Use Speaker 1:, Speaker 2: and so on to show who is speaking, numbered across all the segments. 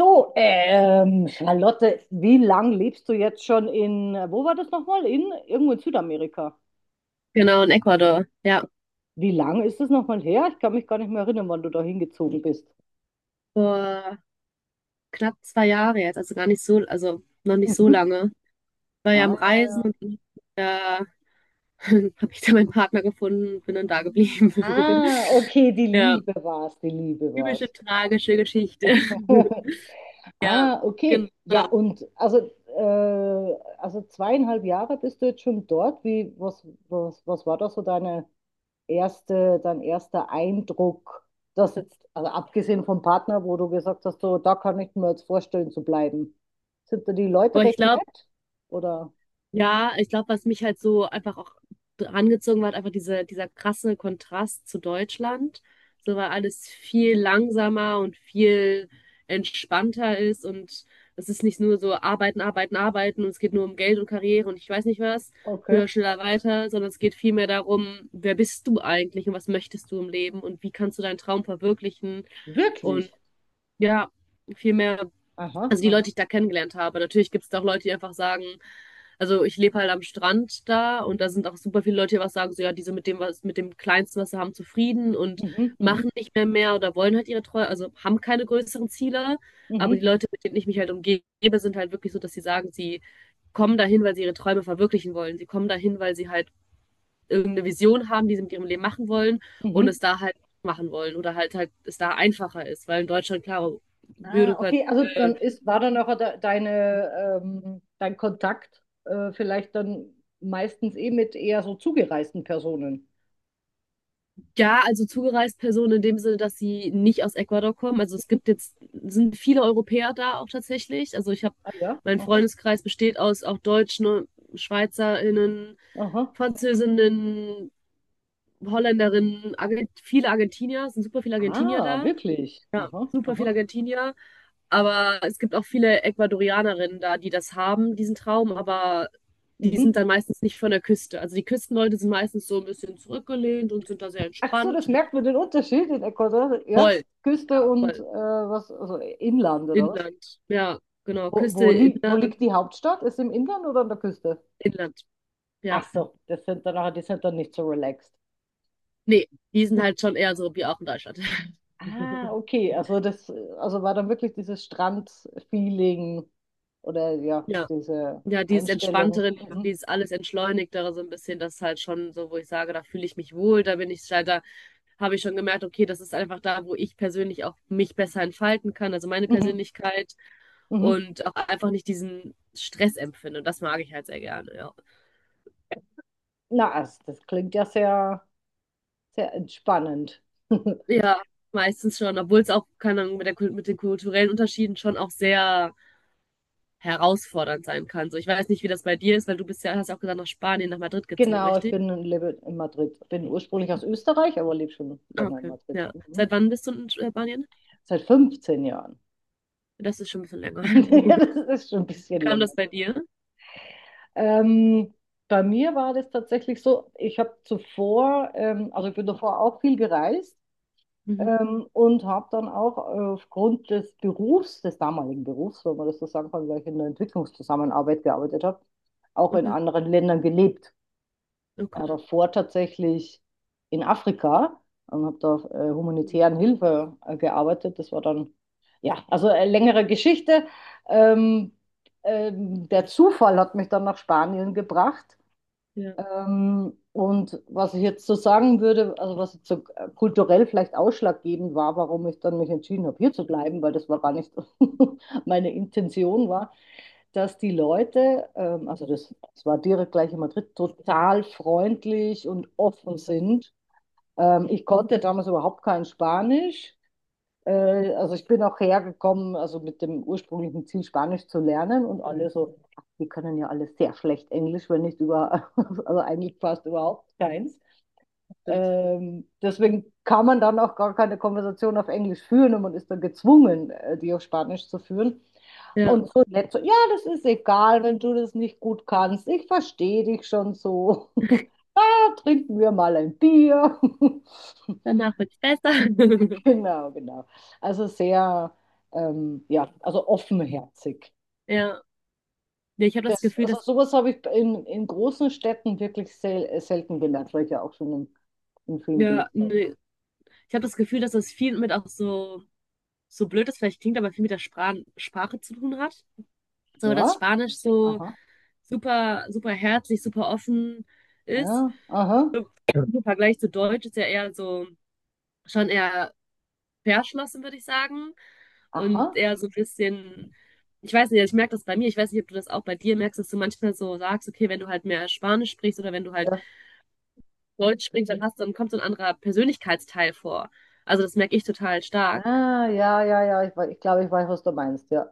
Speaker 1: Charlotte, wie lang lebst du jetzt schon wo war das nochmal? In irgendwo in Südamerika.
Speaker 2: Genau, in Ecuador. Ja,
Speaker 1: Wie lang ist das nochmal her? Ich kann mich gar nicht mehr erinnern, wann du da hingezogen bist.
Speaker 2: vor knapp 2 Jahre jetzt, also gar nicht so, also noch nicht so
Speaker 1: Mhm.
Speaker 2: lange. War ja am
Speaker 1: Ah, ja,
Speaker 2: Reisen
Speaker 1: ja.
Speaker 2: und dann da habe ich da meinen Partner gefunden, bin dann da geblieben.
Speaker 1: Ah, okay, die
Speaker 2: Ja,
Speaker 1: Liebe war's, die Liebe
Speaker 2: typische
Speaker 1: war's.
Speaker 2: tragische Geschichte.
Speaker 1: Ah, okay. Ja,
Speaker 2: Genau.
Speaker 1: äh, also zweieinhalb Jahre bist du jetzt schon dort. Wie, was war da so deine erste, dein erster Eindruck, das jetzt, also abgesehen vom Partner, wo du gesagt hast, so, da kann ich mir jetzt vorstellen zu bleiben. Sind da die Leute
Speaker 2: Aber ich
Speaker 1: recht
Speaker 2: glaube,
Speaker 1: nett? Oder?
Speaker 2: ja, ich glaube, was mich halt so einfach auch angezogen hat, einfach diese, dieser krasse Kontrast zu Deutschland. So, weil alles viel langsamer und viel entspannter ist und es ist nicht nur so arbeiten, arbeiten, arbeiten und es geht nur um Geld und Karriere und ich weiß nicht was,
Speaker 1: Okay.
Speaker 2: höher, schneller, weiter, sondern es geht vielmehr darum, wer bist du eigentlich und was möchtest du im Leben und wie kannst du deinen Traum verwirklichen, und
Speaker 1: Wirklich?
Speaker 2: ja, viel mehr,
Speaker 1: Aha,
Speaker 2: also die Leute, die
Speaker 1: aha.
Speaker 2: ich da kennengelernt habe. Natürlich gibt es da auch Leute, die einfach sagen, also ich lebe halt am Strand da und da sind auch super viele Leute, die was sagen, so ja, die sind mit dem, was, mit dem Kleinsten, was sie haben, zufrieden und
Speaker 1: Mhm, mhm,
Speaker 2: machen nicht mehr mehr oder wollen halt ihre Treue, also haben keine größeren Ziele. Aber die
Speaker 1: mhm,
Speaker 2: Leute, mit denen ich mich halt umgebe, sind halt wirklich so, dass sie sagen, sie kommen dahin, weil sie ihre Träume verwirklichen wollen. Sie kommen dahin, weil sie halt irgendeine Vision haben, die sie mit ihrem Leben machen wollen und
Speaker 1: mhm.
Speaker 2: es da halt machen wollen, oder halt es da einfacher ist, weil in Deutschland, klar,
Speaker 1: Ah,
Speaker 2: Bürokrat.
Speaker 1: okay, also war dann auch de deine, dein Kontakt vielleicht dann meistens eh mit eher so zugereisten Personen.
Speaker 2: Ja, also zugereist Personen in dem Sinne, dass sie nicht aus Ecuador kommen. Also es gibt jetzt, sind viele Europäer da auch tatsächlich. Also ich habe,
Speaker 1: Ah ja,
Speaker 2: mein
Speaker 1: aha,
Speaker 2: Freundeskreis besteht aus auch Deutschen, SchweizerInnen,
Speaker 1: aha.
Speaker 2: Französinnen, Holländerinnen, Argent viele Argentinier, es sind super viele Argentinier
Speaker 1: Ah,
Speaker 2: da,
Speaker 1: wirklich. Aha,
Speaker 2: super viele
Speaker 1: aha.
Speaker 2: Argentinier. Aber es gibt auch viele Ecuadorianerinnen da, die das haben, diesen Traum, aber die sind
Speaker 1: Mhm.
Speaker 2: dann meistens nicht von der Küste. Also die Küstenleute sind meistens so ein bisschen zurückgelehnt und sind da sehr
Speaker 1: Ach so,
Speaker 2: entspannt.
Speaker 1: das merkt man den Unterschied in Ecuador, ja?
Speaker 2: Voll,
Speaker 1: Küste
Speaker 2: ja,
Speaker 1: und
Speaker 2: voll.
Speaker 1: also Inland oder was?
Speaker 2: Inland, ja, genau. Küste,
Speaker 1: Wo
Speaker 2: Inland,
Speaker 1: liegt die Hauptstadt? Ist im Inland oder an der Küste?
Speaker 2: Inland, ja.
Speaker 1: Ach so, das sind dann, die sind dann nicht so relaxed.
Speaker 2: Nee, die sind halt schon eher so wie auch in Deutschland.
Speaker 1: Ah, okay, also war dann wirklich dieses Strandfeeling oder ja,
Speaker 2: Ja,
Speaker 1: diese
Speaker 2: ja, dieses
Speaker 1: Einstellung.
Speaker 2: entspanntere Leben,
Speaker 1: Mhm,
Speaker 2: dieses alles entschleunigtere so ein bisschen, das ist halt schon so, wo ich sage, da fühle ich mich wohl, da bin ich, da habe ich schon gemerkt, okay, das ist einfach da, wo ich persönlich auch mich besser entfalten kann, also meine
Speaker 1: mhm,
Speaker 2: Persönlichkeit
Speaker 1: mhm.
Speaker 2: und auch einfach nicht diesen Stress empfinde. Und das mag ich halt sehr gerne, ja.
Speaker 1: Na, also das klingt ja sehr, sehr entspannend.
Speaker 2: Ja, meistens schon, obwohl es auch, keine Ahnung, mit den kulturellen Unterschieden schon auch sehr herausfordernd sein kann. So, ich weiß nicht, wie das bei dir ist, weil du bist ja, hast ja auch gesagt, nach Spanien, nach Madrid gezogen,
Speaker 1: Genau, ich
Speaker 2: richtig?
Speaker 1: bin und lebe in Madrid. Bin ursprünglich aus Österreich, aber lebe schon
Speaker 2: Ah,
Speaker 1: länger in
Speaker 2: okay.
Speaker 1: Madrid.
Speaker 2: Ja.
Speaker 1: Mhm.
Speaker 2: Seit wann bist du in Spanien?
Speaker 1: Seit 15 Jahren.
Speaker 2: Das ist schon ein bisschen länger.
Speaker 1: Ja, das ist schon ein
Speaker 2: Wie
Speaker 1: bisschen
Speaker 2: kam
Speaker 1: länger.
Speaker 2: das bei dir?
Speaker 1: Ähm, bei mir war das tatsächlich so, ich habe zuvor, also ich bin davor auch viel gereist
Speaker 2: Mhm.
Speaker 1: und habe dann auch aufgrund des Berufs, des damaligen Berufs, wenn man das so sagen kann, weil ich in der Entwicklungszusammenarbeit gearbeitet habe, auch in
Speaker 2: Okay,
Speaker 1: anderen Ländern gelebt.
Speaker 2: okay.
Speaker 1: Davor tatsächlich in Afrika und habe da auf
Speaker 2: Stimmt.
Speaker 1: humanitären Hilfe gearbeitet. Das war dann, ja, also eine längere Geschichte. Ähm, Der Zufall hat mich dann nach Spanien gebracht.
Speaker 2: Ja,
Speaker 1: Und was ich jetzt so sagen würde, also was jetzt so kulturell vielleicht ausschlaggebend war, warum ich dann mich entschieden habe, hier zu bleiben, weil das war gar nicht meine Intention war, dass die Leute, das war direkt gleich in Madrid, total freundlich und offen sind. Ich konnte damals überhaupt kein Spanisch. Äh, also ich bin auch hergekommen, also mit dem ursprünglichen Ziel, Spanisch zu lernen und alle so, ach, die können ja alle sehr schlecht Englisch, wenn nicht über, also eigentlich fast überhaupt keins.
Speaker 2: stimmt.
Speaker 1: Deswegen kann man dann auch gar keine Konversation auf Englisch führen und man ist dann gezwungen, die auf Spanisch zu führen.
Speaker 2: Ja,
Speaker 1: Und so nett so, ja, das ist egal, wenn du das nicht gut kannst. Ich verstehe dich schon so. Da trinken wir mal ein Bier.
Speaker 2: danach wird es besser.
Speaker 1: Genau, genau. Also sehr, ja, also offenherzig.
Speaker 2: Ja. Nee, ich habe das
Speaker 1: Das,
Speaker 2: Gefühl,
Speaker 1: also
Speaker 2: dass,
Speaker 1: sowas habe ich in großen Städten wirklich selten gelernt, weil ich ja auch schon in vielen
Speaker 2: ja,
Speaker 1: gelebt habe.
Speaker 2: nee. Ich habe das Gefühl, dass das viel mit auch so, so blöd das vielleicht klingt, aber viel mit der Sprache zu tun hat. So, dass
Speaker 1: Ja,
Speaker 2: Spanisch so
Speaker 1: aha,
Speaker 2: super, super herzlich, super offen ist.
Speaker 1: ja, aha.
Speaker 2: So, im Vergleich zu Deutsch ist ja eher so, schon eher verschlossen, würde ich sagen. Und
Speaker 1: Aha.
Speaker 2: eher so ein bisschen, ich weiß nicht, ich merke das bei mir, ich weiß nicht, ob du das auch bei dir merkst, dass du manchmal so sagst, okay, wenn du halt mehr Spanisch sprichst oder wenn du halt
Speaker 1: Ja.
Speaker 2: Deutsch sprichst, dann kommt so ein anderer Persönlichkeitsteil vor. Also das merke ich total stark.
Speaker 1: Ah, ja, ja, ja. Ich glaube, ich weiß, was du meinst, ja.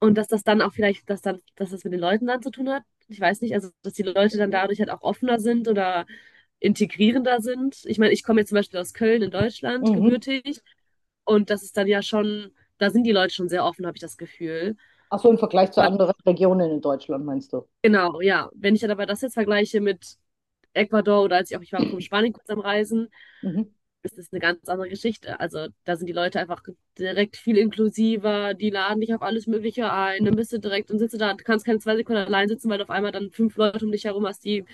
Speaker 2: Und dass das dann auch vielleicht, dass dann, dass das mit den Leuten dann zu tun hat. Ich weiß nicht, also dass die Leute dann
Speaker 1: Mhm.
Speaker 2: dadurch halt auch offener sind oder integrierender sind. Ich meine, ich komme jetzt zum Beispiel aus Köln in Deutschland,
Speaker 1: Mhm.
Speaker 2: gebürtig, und das ist dann ja schon, da sind die Leute schon sehr offen, habe ich das Gefühl.
Speaker 1: Ach so, im Vergleich zu
Speaker 2: Aber
Speaker 1: anderen Regionen in Deutschland, meinst du?
Speaker 2: genau, ja. Wenn ich dann aber das jetzt vergleiche mit Ecuador oder als ich auch, ich war auch in Spanien kurz am Reisen,
Speaker 1: Mhm.
Speaker 2: ist das eine ganz andere Geschichte. Also da sind die Leute einfach direkt viel inklusiver, die laden dich auf alles Mögliche ein, dann bist du direkt und sitzt du da, du kannst keine 2 Sekunden allein sitzen, weil du auf einmal dann fünf Leute um dich herum hast, die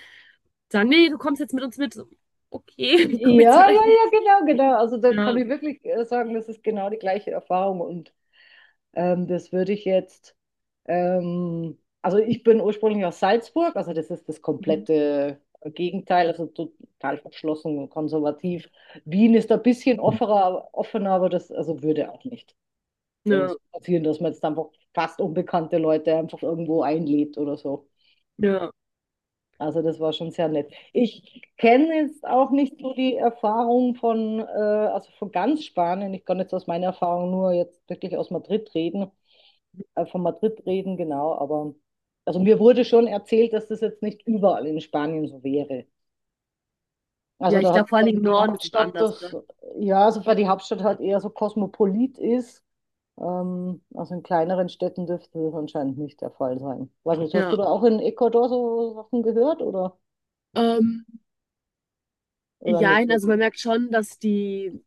Speaker 2: sagen, nee, du kommst jetzt mit uns mit. So, okay, ich komme jetzt
Speaker 1: Ja,
Speaker 2: mit
Speaker 1: ja,
Speaker 2: euch mit.
Speaker 1: ja, genau, genau. Also da kann
Speaker 2: Ja.
Speaker 1: ich wirklich sagen, das ist genau die gleiche Erfahrung. Und das würde ich jetzt, also ich bin ursprünglich aus Salzburg, also das ist das
Speaker 2: Mhm.
Speaker 1: komplette Gegenteil, also total verschlossen und konservativ. Wien ist ein bisschen offener, aber das also würde auch nicht.
Speaker 2: Ja,
Speaker 1: So passieren, dass man jetzt einfach fast unbekannte Leute einfach irgendwo einlädt oder so.
Speaker 2: ja.
Speaker 1: Also das war schon sehr nett. Ich kenne jetzt auch nicht so die Erfahrung von, also von ganz Spanien. Ich kann jetzt aus meiner Erfahrung nur jetzt wirklich aus Madrid reden, von Madrid reden, genau. Aber also mir wurde schon erzählt, dass das jetzt nicht überall in Spanien so wäre. Also
Speaker 2: Ja, ich
Speaker 1: da
Speaker 2: glaube
Speaker 1: hat
Speaker 2: vor allen Dingen
Speaker 1: dann
Speaker 2: im
Speaker 1: die
Speaker 2: Norden ist es
Speaker 1: Hauptstadt
Speaker 2: anders, oder?
Speaker 1: das, ja, also weil die Hauptstadt halt eher so kosmopolit ist. Also in kleineren Städten dürfte das anscheinend nicht der Fall sein. Weiß nicht, hast du
Speaker 2: Ja.
Speaker 1: da auch in Ecuador so Sachen gehört
Speaker 2: Ähm,
Speaker 1: oder nicht
Speaker 2: jein, also
Speaker 1: wirklich?
Speaker 2: man merkt schon, dass die,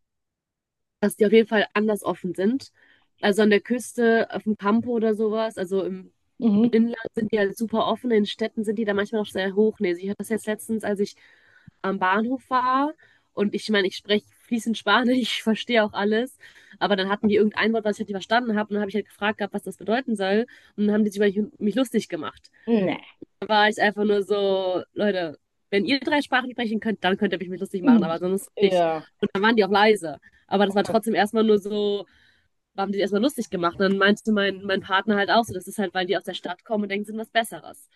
Speaker 2: dass die auf jeden Fall anders offen sind. Also an der Küste, auf dem Campo oder sowas, also im
Speaker 1: Mhm.
Speaker 2: Inland sind die halt super offen, in Städten sind die da manchmal noch sehr hochnäsig. Ich hatte das jetzt letztens, als ich am Bahnhof war und ich meine, ich spreche fließend Spanisch, ich verstehe auch alles, aber dann hatten die irgendein Wort, was ich halt nicht verstanden habe und dann habe ich halt gefragt gehabt, was das bedeuten soll und dann haben die sich über mich lustig gemacht.
Speaker 1: Nee.
Speaker 2: Da war ich einfach nur so, Leute, wenn ihr drei Sprachen sprechen könnt, dann könnt ihr mich mit lustig machen,
Speaker 1: Mhm.
Speaker 2: aber sonst nicht.
Speaker 1: Ja,
Speaker 2: Und dann waren die auch leise, aber das war
Speaker 1: okay.
Speaker 2: trotzdem erstmal nur so, haben die erstmal lustig gemacht. Und dann meinte mein Partner halt auch so, das ist halt, weil die aus der Stadt kommen und denken, sie sind was Besseres.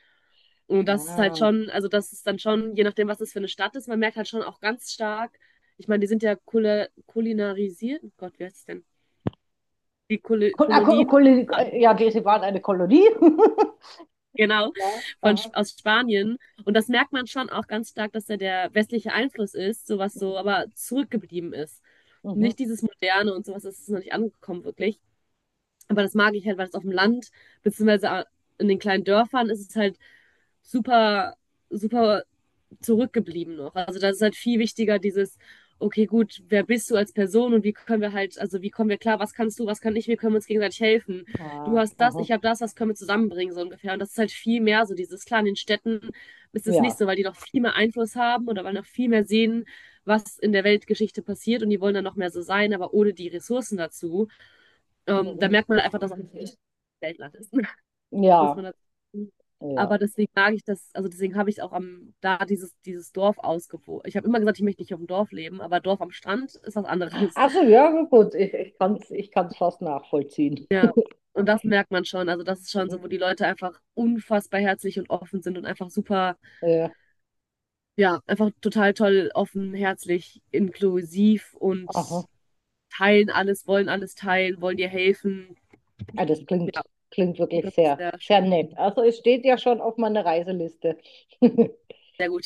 Speaker 2: Und das ist halt
Speaker 1: Ah.
Speaker 2: schon, also das ist dann schon, je nachdem, was das für eine Stadt ist, man merkt halt schon auch ganz stark, ich meine, die sind ja kulinarisiert, oh Gott, wie heißt es denn? Die Kul Kolonien,
Speaker 1: Kolonie, ja, die, sie waren eine Kolonie.
Speaker 2: genau,
Speaker 1: Ja, aha.
Speaker 2: Aus Spanien. Und das merkt man schon auch ganz stark, dass da der westliche Einfluss ist, sowas so,
Speaker 1: Mhm.
Speaker 2: aber zurückgeblieben ist.
Speaker 1: Mhm.
Speaker 2: Nicht dieses Moderne und sowas, das ist noch nicht angekommen, wirklich. Aber das mag ich halt, weil es auf dem Land, beziehungsweise in den kleinen Dörfern ist es halt super, super zurückgeblieben noch. Also das ist halt viel wichtiger, dieses, okay, gut, wer bist du als Person und wie können wir halt, also wie kommen wir klar, was kannst du, was kann ich, wir können uns gegenseitig helfen. Du
Speaker 1: Ah,
Speaker 2: hast das,
Speaker 1: aha.
Speaker 2: ich habe das, was können wir zusammenbringen, so ungefähr. Und das ist halt viel mehr so dieses, klar, in den Städten ist es nicht
Speaker 1: Ja.
Speaker 2: so, weil die noch viel mehr Einfluss haben oder weil noch viel mehr sehen, was in der Weltgeschichte passiert und die wollen dann noch mehr so sein, aber ohne die Ressourcen dazu. Da
Speaker 1: Mhm.
Speaker 2: merkt man einfach, dass es nicht Weltland ist, muss
Speaker 1: Ja,
Speaker 2: man dazu sagen. Aber
Speaker 1: ja.
Speaker 2: deswegen mag ich das, also deswegen habe ich auch am, da dieses Dorf ausgewogen. Ich habe immer gesagt, ich möchte nicht auf dem Dorf leben, aber Dorf am Strand ist was anderes.
Speaker 1: Ach so, ja, gut, ich kann es ich kann's fast nachvollziehen.
Speaker 2: Ja. Und das merkt man schon. Also das ist schon so,
Speaker 1: Mhm.
Speaker 2: wo die Leute einfach unfassbar herzlich und offen sind und einfach super,
Speaker 1: Ja,
Speaker 2: ja, einfach total toll, offen, herzlich, inklusiv und
Speaker 1: aha.
Speaker 2: teilen alles, wollen alles teilen, wollen dir helfen.
Speaker 1: Ah, das klingt, klingt
Speaker 2: Und
Speaker 1: wirklich
Speaker 2: das ist
Speaker 1: sehr,
Speaker 2: sehr
Speaker 1: sehr
Speaker 2: schön.
Speaker 1: nett. Also es steht ja schon auf meiner Reiseliste.
Speaker 2: Sehr gut.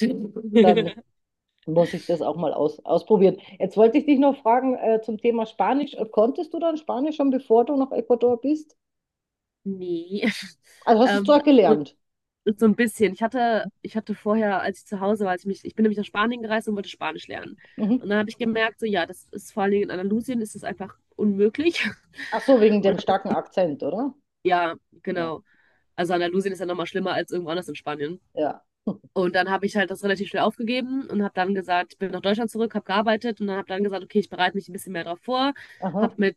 Speaker 1: Dann muss ich das auch mal ausprobieren. Jetzt wollte ich dich noch fragen zum Thema Spanisch. Konntest du dann Spanisch schon, bevor du nach Ecuador bist?
Speaker 2: Nee.
Speaker 1: Also hast du es
Speaker 2: Ähm,
Speaker 1: dort
Speaker 2: so
Speaker 1: gelernt?
Speaker 2: So ein bisschen. Ich hatte vorher, als ich zu Hause war, ich bin nämlich nach Spanien gereist und wollte Spanisch lernen.
Speaker 1: Mhm.
Speaker 2: Und dann habe ich gemerkt, so ja, das ist vor allen Dingen in Andalusien ist das einfach unmöglich.
Speaker 1: Ach so, wegen
Speaker 2: Und
Speaker 1: dem
Speaker 2: hab,
Speaker 1: starken Akzent, oder?
Speaker 2: ja,
Speaker 1: Ja.
Speaker 2: genau. Also Andalusien ist ja nochmal schlimmer als irgendwo anders in Spanien.
Speaker 1: Ja,
Speaker 2: Und dann habe ich halt das relativ schnell aufgegeben und habe dann gesagt, ich bin nach Deutschland zurück, habe gearbeitet und dann habe dann gesagt, okay, ich bereite mich ein bisschen mehr darauf vor, habe
Speaker 1: aha.
Speaker 2: mit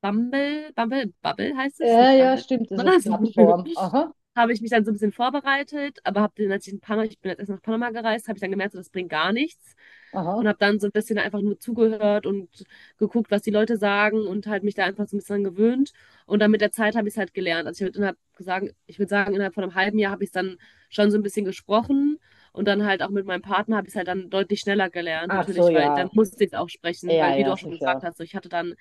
Speaker 2: Bumble, Bumble, Bubble heißt es,
Speaker 1: Ja,
Speaker 2: nicht
Speaker 1: ja,
Speaker 2: Bumble.
Speaker 1: stimmt, diese
Speaker 2: Was?
Speaker 1: Plattform. Aha,
Speaker 2: Habe ich mich dann so ein bisschen vorbereitet, aber habe dann, als ich in Panama, ich bin jetzt erst nach Panama gereist, habe ich dann gemerkt, so, das bringt gar nichts. Und
Speaker 1: aha.
Speaker 2: habe dann so ein bisschen einfach nur zugehört und geguckt, was die Leute sagen und halt mich da einfach so ein bisschen dran gewöhnt. Und dann mit der Zeit habe ich es halt gelernt. Also ich würde innerhalb sagen, ich würde sagen, innerhalb von einem halben Jahr habe ich es dann schon so ein bisschen gesprochen. Und dann halt auch mit meinem Partner habe ich es halt dann deutlich schneller gelernt,
Speaker 1: Ach so,
Speaker 2: natürlich, weil dann
Speaker 1: ja.
Speaker 2: musste ich es auch sprechen,
Speaker 1: Ja,
Speaker 2: weil wie du
Speaker 1: ja,
Speaker 2: auch schon gesagt
Speaker 1: sicher.
Speaker 2: hast, so ich hatte dann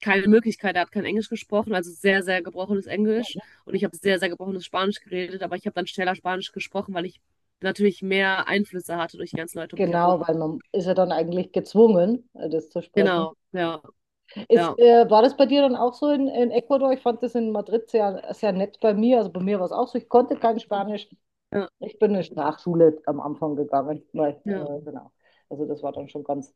Speaker 2: keine Möglichkeit, er hat kein Englisch gesprochen, also sehr, sehr gebrochenes Englisch. Und ich habe sehr, sehr gebrochenes Spanisch geredet, aber ich habe dann schneller Spanisch gesprochen, weil ich natürlich mehr Einflüsse hatte durch die ganzen Leute um mich
Speaker 1: Genau,
Speaker 2: herum.
Speaker 1: weil man ist ja dann eigentlich gezwungen, das zu sprechen.
Speaker 2: Genau, ja, ja,
Speaker 1: Ist, war das bei dir dann auch in Ecuador? Ich fand das in Madrid sehr, sehr nett bei mir. Also bei mir war es auch so. Ich konnte kein Spanisch.
Speaker 2: ja,
Speaker 1: Ich bin in eine Sprachschule am Anfang gegangen. Weil,
Speaker 2: ja,
Speaker 1: genau. Also das war dann schon ganz,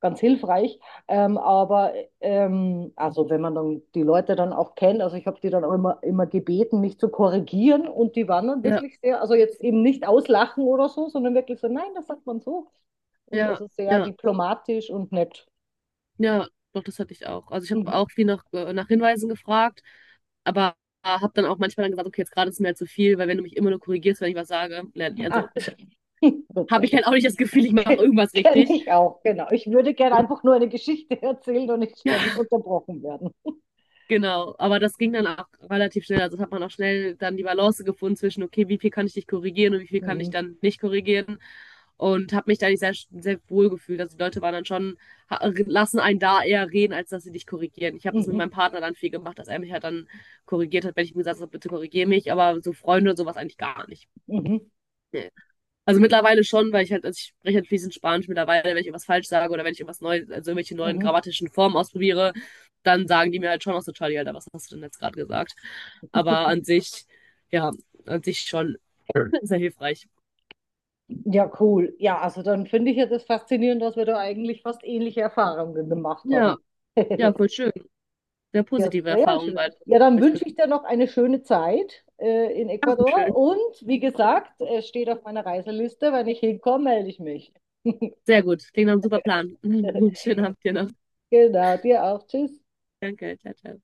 Speaker 1: ganz hilfreich. Ähm, aber also wenn man dann die Leute dann auch kennt, also ich habe die dann auch immer gebeten, mich zu korrigieren. Und die waren dann
Speaker 2: ja,
Speaker 1: wirklich sehr, also jetzt eben nicht auslachen oder so, sondern wirklich so, nein, das sagt man so. Und
Speaker 2: ja,
Speaker 1: also sehr
Speaker 2: ja,
Speaker 1: diplomatisch und nett.
Speaker 2: ja, doch, das hatte ich auch. Also ich habe
Speaker 1: Mhm.
Speaker 2: auch viel nach Hinweisen gefragt, aber habe dann auch manchmal dann gesagt, okay, jetzt gerade ist mir halt zu viel, weil wenn du mich immer nur korrigierst, wenn ich was sage,
Speaker 1: Ah,
Speaker 2: also
Speaker 1: gut, ja,
Speaker 2: habe ich
Speaker 1: das
Speaker 2: halt auch nicht das Gefühl, ich mache irgendwas
Speaker 1: Kenne
Speaker 2: richtig.
Speaker 1: ich auch, genau. Ich würde gerne
Speaker 2: Und
Speaker 1: einfach nur eine Geschichte erzählen und nicht ständig
Speaker 2: ja,
Speaker 1: unterbrochen werden.
Speaker 2: genau, aber das ging dann auch relativ schnell. Also das hat man auch schnell dann die Balance gefunden zwischen, okay, wie viel kann ich dich korrigieren und wie viel kann ich
Speaker 1: Mhm.
Speaker 2: dann nicht korrigieren. Und habe mich da nicht sehr, sehr wohl gefühlt. Also die Leute waren dann schon, ha- lassen einen da eher reden, als dass sie dich korrigieren. Ich habe das mit
Speaker 1: Mhm.
Speaker 2: meinem Partner dann viel gemacht, dass er mich halt dann korrigiert hat, wenn ich ihm gesagt habe, bitte korrigiere mich. Aber so Freunde und sowas eigentlich gar nicht.
Speaker 1: Mhm.
Speaker 2: Nee. Also mittlerweile schon, weil ich halt, also ich spreche halt fließend Spanisch mittlerweile, wenn ich irgendwas falsch sage oder wenn ich irgendwas Neues, also irgendwelche neuen
Speaker 1: Mhm.
Speaker 2: grammatischen Formen ausprobiere, dann sagen die mir halt schon auch so, Charlie, Alter, was hast du denn jetzt gerade gesagt? Aber an sich, ja, an sich schon sehr hilfreich.
Speaker 1: Ja, cool. Ja, also dann finde ich ja das faszinierend, dass wir da eigentlich fast ähnliche Erfahrungen gemacht
Speaker 2: Ja,
Speaker 1: haben.
Speaker 2: ja, voll schön. Sehr
Speaker 1: Ja,
Speaker 2: positive
Speaker 1: sehr
Speaker 2: Erfahrungen
Speaker 1: schön.
Speaker 2: beide. Hab
Speaker 1: Ja, dann
Speaker 2: ich das
Speaker 1: wünsche
Speaker 2: Gefühl.
Speaker 1: ich dir noch eine schöne Zeit in Ecuador
Speaker 2: Dankeschön.
Speaker 1: und wie gesagt, es steht auf meiner Reiseliste. Wenn ich hinkomme, melde ich mich.
Speaker 2: Sehr gut. Klingt nach einem super Plan. Schönen Abend dir noch.
Speaker 1: Genau, dir auch. Tschüss.
Speaker 2: Danke. Ciao, ciao.